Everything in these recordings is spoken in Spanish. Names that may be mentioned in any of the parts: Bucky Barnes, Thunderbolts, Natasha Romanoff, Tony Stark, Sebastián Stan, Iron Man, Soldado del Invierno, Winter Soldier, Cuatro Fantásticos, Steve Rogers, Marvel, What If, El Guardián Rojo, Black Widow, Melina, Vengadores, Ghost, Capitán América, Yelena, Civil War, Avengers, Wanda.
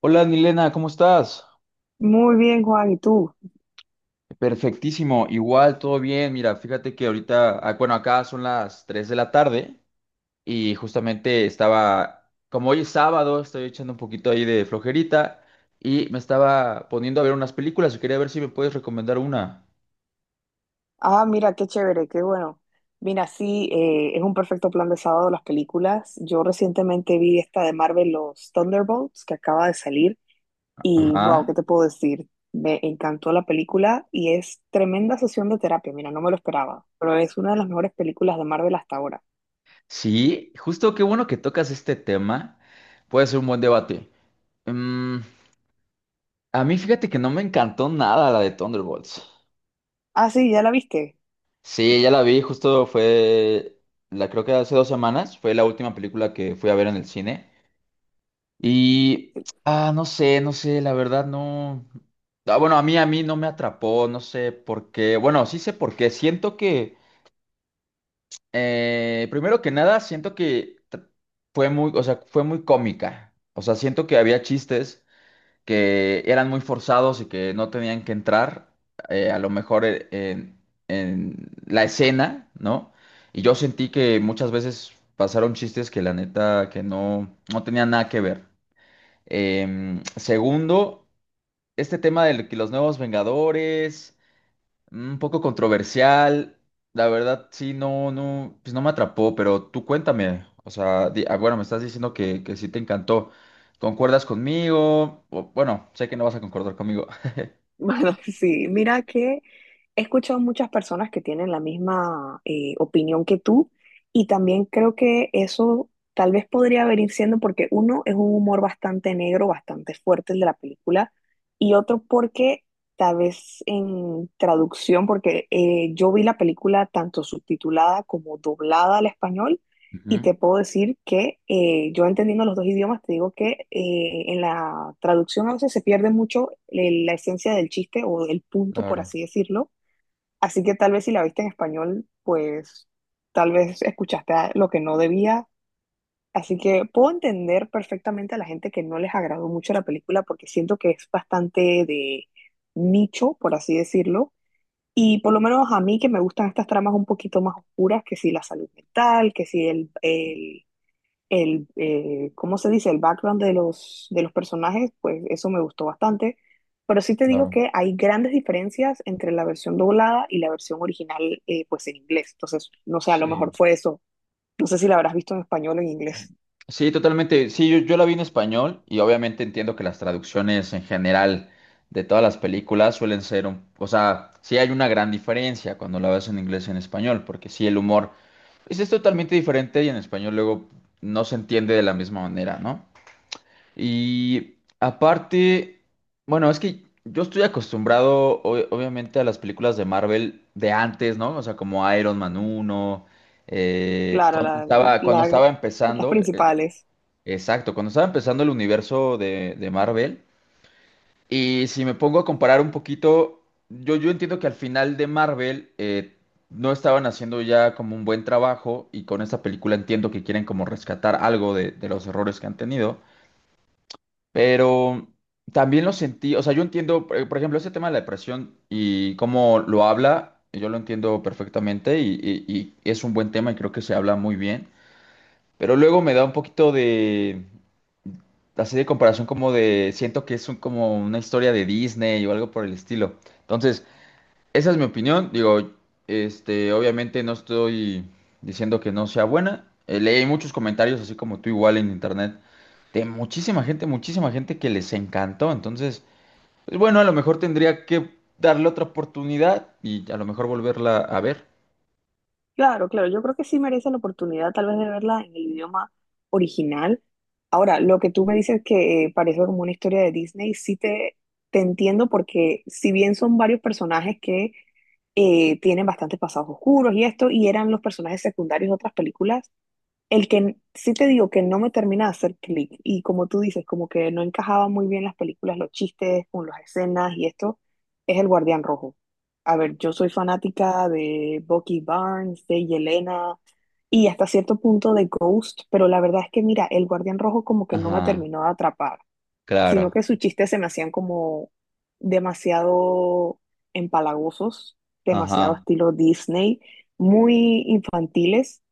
Hola, Nilena, ¿cómo estás? Muy bien, Juan, ¿y tú? Perfectísimo, igual, todo bien. Mira, fíjate que ahorita, acá son las 3 de la tarde y justamente estaba, como hoy es sábado, estoy echando un poquito ahí de flojerita y me estaba poniendo a ver unas películas y quería ver si me puedes recomendar una. Ah, mira, qué chévere, qué bueno. Mira, sí, es un perfecto plan de sábado las películas. Yo recientemente vi esta de Marvel, los Thunderbolts, que acaba de salir, y wow, ¿qué Ajá. te puedo decir? Me encantó la película y es tremenda sesión de terapia, mira, no me lo esperaba, pero es una de las mejores películas de Marvel hasta ahora. Sí, justo qué bueno que tocas este tema. Puede ser un buen debate. Mm, a mí fíjate que no me encantó nada la de Thunderbolts. Ah, sí, ¿ya la viste? Sí, ya la vi, justo la creo que hace 2 semanas, fue la última película que fui a ver en el cine. Y, ah, no sé, la verdad no. Ah, bueno, a mí no me atrapó, no sé por qué. Bueno, sí sé por qué. Siento que primero que nada, siento que fue muy, o sea, fue muy cómica. O sea, siento que había chistes que eran muy forzados y que no tenían que entrar, a lo mejor en la escena, ¿no? Y yo sentí que muchas veces pasaron chistes que la neta que no tenían nada que ver. Segundo, este tema de que los nuevos Vengadores. Un poco controversial, la verdad sí, pues no me atrapó, pero tú cuéntame, o sea, me estás diciendo que sí te encantó, ¿concuerdas conmigo? O, bueno, sé que no vas a concordar conmigo. Bueno, sí, mira que he escuchado muchas personas que tienen la misma opinión que tú y también creo que eso tal vez podría venir siendo porque uno es un humor bastante negro, bastante fuerte el de la película y otro porque tal vez en traducción, porque yo vi la película tanto subtitulada como doblada al español y Ujú. te puedo decir que yo entendiendo los dos idiomas, te digo que en la traducción a veces se pierde mucho la esencia del chiste o el punto, por Claro, así decirlo. Así que tal vez si la viste en español, pues tal vez lo que no debía. Así que puedo entender perfectamente a la gente que no les agradó mucho la película porque siento que es bastante de nicho, por así decirlo. Y por lo menos a mí que me gustan estas tramas un poquito más oscuras, que si la salud mental, que si, ¿cómo se dice? El background de de los personajes, pues eso me gustó bastante. Pero sí te digo claro. que hay grandes diferencias entre la versión doblada y la versión original, pues en inglés. Entonces, no sé, a lo mejor Sí. fue eso. No sé si la habrás visto en español o en inglés. Sí, totalmente. Sí, yo la vi en español y obviamente entiendo que las traducciones en general de todas las películas suelen ser un... O sea, sí hay una gran diferencia cuando la ves en inglés y en español, porque sí el humor pues, es totalmente diferente y en español luego no se entiende de la misma manera, ¿no? Y aparte, bueno, es que yo estoy acostumbrado obviamente a las películas de Marvel de antes, ¿no? O sea, como Iron Man uno. Claro, Cuando la- estaba las empezando. principales. Exacto, cuando estaba empezando el universo de Marvel, y si me pongo a comparar un poquito, yo entiendo que al final de Marvel no estaban haciendo ya como un buen trabajo, y con esta película entiendo que quieren como rescatar algo de los errores que han tenido, pero también lo sentí, o sea, yo entiendo, por ejemplo, ese tema de la depresión y cómo lo habla, yo lo entiendo perfectamente y es un buen tema y creo que se habla muy bien, pero luego me da un poquito de así de comparación como de, siento que es como una historia de Disney o algo por el estilo. Entonces, esa es mi opinión. Digo, obviamente no estoy diciendo que no sea buena. Leí muchos comentarios, así como tú igual en internet, de muchísima gente que les encantó. Entonces, pues bueno, a lo mejor tendría que darle otra oportunidad y a lo mejor volverla a ver. Claro, claro, yo creo que sí merece la oportunidad tal vez de verla en el idioma original. Ahora, lo que tú me dices que parece como una historia de Disney, te entiendo porque si bien son varios personajes que tienen bastantes pasados oscuros y esto, y eran los personajes secundarios de otras películas, el que sí te digo que no me termina de hacer clic y como tú dices, como que no encajaba muy bien las películas, los chistes con las escenas y esto, es El Guardián Rojo. A ver, yo soy fanática de Bucky Barnes, de Yelena y hasta cierto punto de Ghost, pero la verdad es que mira, El Guardián Rojo como que no me Ajá, terminó de atrapar, sino claro. que sus chistes se me hacían como demasiado empalagosos, demasiado Ajá, estilo Disney, muy infantiles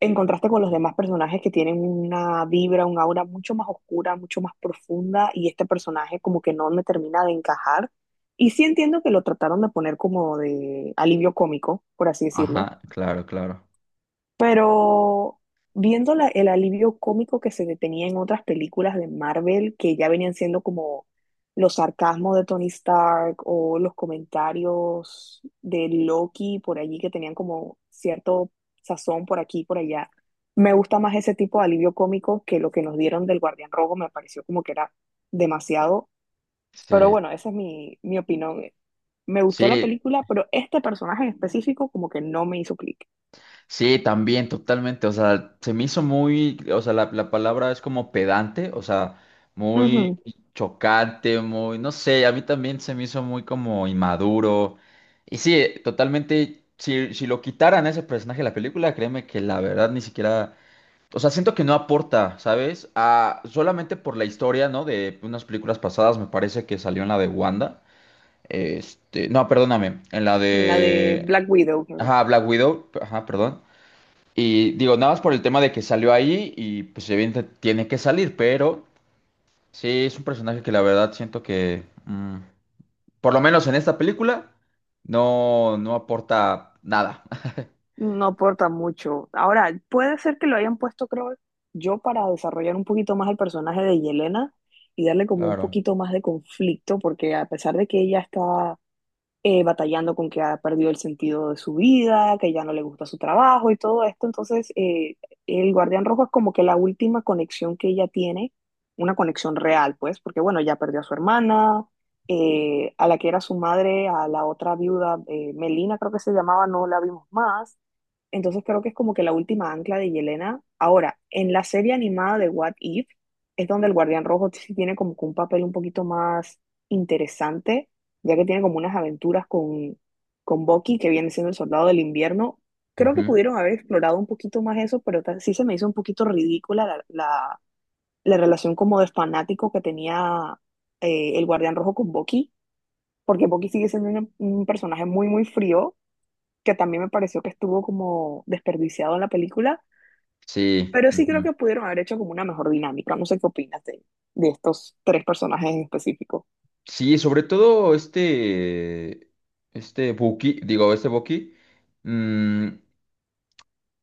en contraste con los demás personajes que tienen una vibra, un aura mucho más oscura, mucho más profunda, y este personaje como que no me termina de encajar. Y sí entiendo que lo trataron de poner como de alivio cómico, por así decirlo, ajá, claro, claro. pero viendo el alivio cómico que se detenía en otras películas de Marvel, que ya venían siendo como los sarcasmos de Tony Stark o los comentarios de Loki por allí, que tenían como cierto sazón por aquí y por allá, me gusta más ese tipo de alivio cómico que lo que nos dieron del Guardián Rojo, me pareció como que era demasiado. Pero Sí, bueno, esa es mi opinión. Me gustó la sí. película, pero este personaje en específico como que no me hizo clic. Sí, también, totalmente. O sea, se me hizo muy, o sea, la palabra es como pedante, o sea, muy chocante, muy, no sé, a mí también se me hizo muy como inmaduro. Y sí, totalmente, si lo quitaran a ese personaje de la película, créeme que la verdad ni siquiera, o sea, siento que no aporta, ¿sabes? A, solamente por la historia, ¿no? De unas películas pasadas, me parece que salió en la de Wanda. Este, no, perdóname, en la En la de de... Black Widow, creo. Ajá, Black Widow, ajá, perdón. Y digo, nada más por el tema de que salió ahí y pues evidentemente tiene que salir, pero sí es un personaje que la verdad siento que, por lo menos en esta película, no aporta nada. No aporta mucho. Ahora, puede ser que lo hayan puesto, creo yo, para desarrollar un poquito más el personaje de Yelena y darle como un Claro. poquito más de conflicto, porque a pesar de que ella está batallando con que ha perdido el sentido de su vida, que ya no le gusta su trabajo y todo esto. Entonces, el guardián rojo es como que la última conexión que ella tiene, una conexión real, pues, porque bueno, ya perdió a su hermana, a la que era su madre, a la otra viuda, Melina creo que se llamaba, no la vimos más. Entonces creo que es como que la última ancla de Yelena. Ahora, en la serie animada de What If, es donde el Guardián Rojo sí tiene como que un papel un poquito más interesante, ya que tiene como unas aventuras con Bucky, que viene siendo el soldado del invierno. Creo que Ujú. pudieron haber explorado un poquito más eso, pero sí se me hizo un poquito ridícula la relación como de fanático que tenía el Guardián Rojo con Bucky, porque Bucky sigue siendo un personaje muy, muy frío, que también me pareció que estuvo como desperdiciado en la película, Sí. pero sí creo Ujú. que pudieron haber hecho como una mejor dinámica. No sé qué opinas de estos tres personajes en específico. Sí, sobre todo este Buki, digo, este Buki, mm.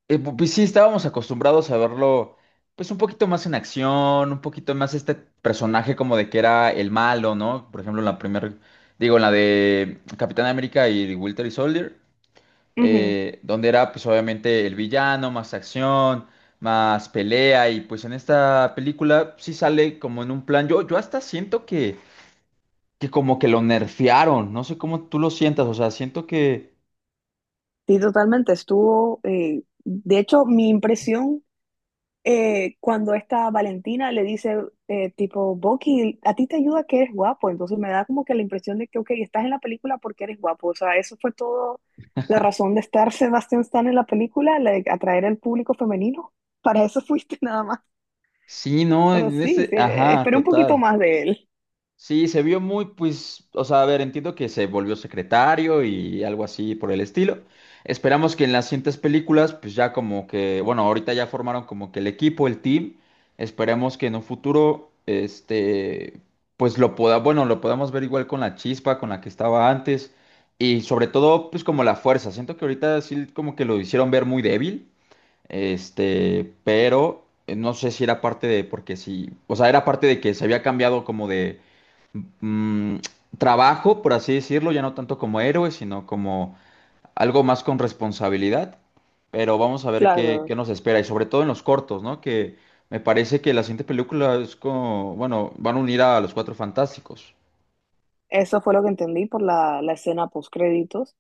Pues sí, estábamos acostumbrados a verlo, pues un poquito más en acción, un poquito más este personaje como de que era el malo, ¿no? Por ejemplo, en la primera, digo, en la de Capitán América y Winter Soldier, donde era pues obviamente el villano, más acción, más pelea, y pues en esta película sí sale como en un plan, yo hasta siento que como que lo nerfearon, no sé cómo tú lo sientas, o sea, siento que Sí, totalmente. Estuvo, de hecho, mi impresión cuando esta Valentina le dice, tipo, Bucky, a ti te ayuda que eres guapo. Entonces me da como que la impresión de que, ok, estás en la película porque eres guapo. O sea, eso fue todo la razón de estar Sebastián Stan en la película, la de atraer al público femenino. Para eso fuiste nada más. sí, ¿no? Pero En sí, ese, sí, ajá, esperé un poquito total. más de él. Sí, se vio muy, pues, o sea, a ver, entiendo que se volvió secretario y algo así por el estilo. Esperamos que en las siguientes películas, pues ya como que, bueno, ahorita ya formaron como que el equipo, el team. Esperemos que en un futuro, pues lo pueda, bueno, lo podamos ver igual con la chispa con la que estaba antes y sobre todo, pues como la fuerza. Siento que ahorita sí como que lo hicieron ver muy débil, pero no sé si era parte de, porque sí, o sea, era parte de que se había cambiado como de mm, trabajo, por así decirlo, ya no tanto como héroe, sino como algo más con responsabilidad. Pero vamos a ver Claro. qué nos espera, y sobre todo en los cortos, ¿no? Que me parece que la siguiente película es como, bueno, van a unir a los Cuatro Fantásticos. Eso fue lo que entendí por la escena post créditos.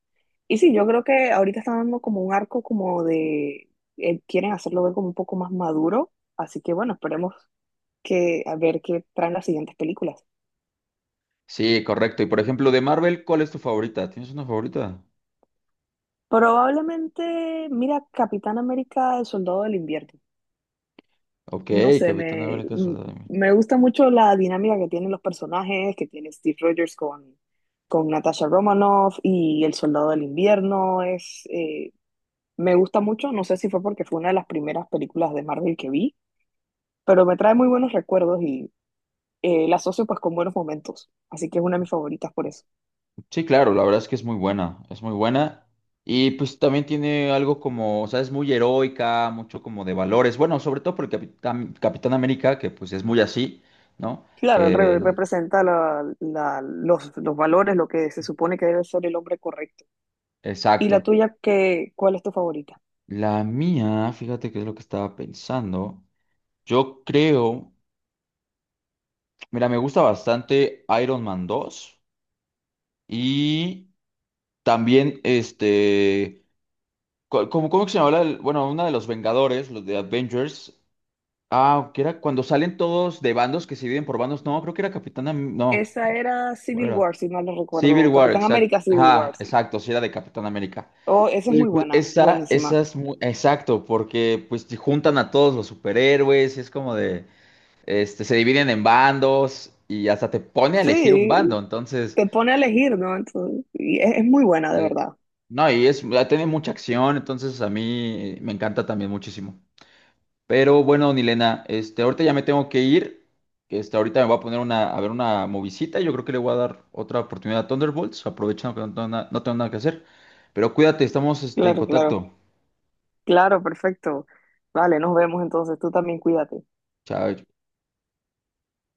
Y sí, yo creo que ahorita están dando como un arco como de, quieren hacerlo ver como un poco más maduro. Así que bueno, esperemos que a ver qué traen las siguientes películas. Sí, correcto. Y por ejemplo, de Marvel, ¿cuál es tu favorita? ¿Tienes una favorita? Probablemente, mira, Capitán América, el Soldado del Invierno. Ok. No sé, Capitán América. Me gusta mucho la dinámica que tienen los personajes, que tiene Steve Rogers con Natasha Romanoff y el Soldado del Invierno. Es, me gusta mucho, no sé si fue porque fue una de las primeras películas de Marvel que vi, pero me trae muy buenos recuerdos y la asocio pues con buenos momentos, así que es una de mis favoritas por eso. Sí, claro, la verdad es que es muy buena, es muy buena. Y pues también tiene algo como, o sea, es muy heroica, mucho como de valores. Bueno, sobre todo por el Capitán, Capitán América, que pues es muy así, ¿no? Claro, él re- Que, representa la- la- los, los valores, lo que se supone que debe ser el hombre correcto. ¿Y la exacto. tuya, qué, cuál es tu favorita? La mía, fíjate qué es lo que estaba pensando. Yo creo, mira, me gusta bastante Iron Man 2 y también como, ¿cómo que se llama? La bueno, una de los Vengadores, los de Avengers. Ah, que era cuando salen todos de bandos que se dividen por bandos. No, creo que era no, Esa era ¿cuál Civil era? War, si mal no Civil recuerdo, War, Capitán exacto. América Civil Ajá, War, sí. exacto, sí era de Capitán América. Oh, esa es Sí, muy pues buena, esa buenísima. es muy, exacto, porque pues te juntan a todos los superhéroes, y es como de, se dividen en bandos y hasta te pone a elegir un bando, Sí, entonces, te pone a elegir, ¿no? Entonces, y es muy buena, de eh, verdad. no, y es, ah, tiene mucha acción, entonces a mí me encanta también muchísimo. Pero bueno, Nilena, ahorita ya me tengo que ir. Ahorita me voy a poner una, a ver una movisita. Yo creo que le voy a dar otra oportunidad a Thunderbolts, aprovechando que no tengo, no tengo nada que hacer. Pero cuídate, estamos en Claro, claro. contacto. Claro, perfecto. Vale, nos vemos entonces. Tú también cuídate. Chao.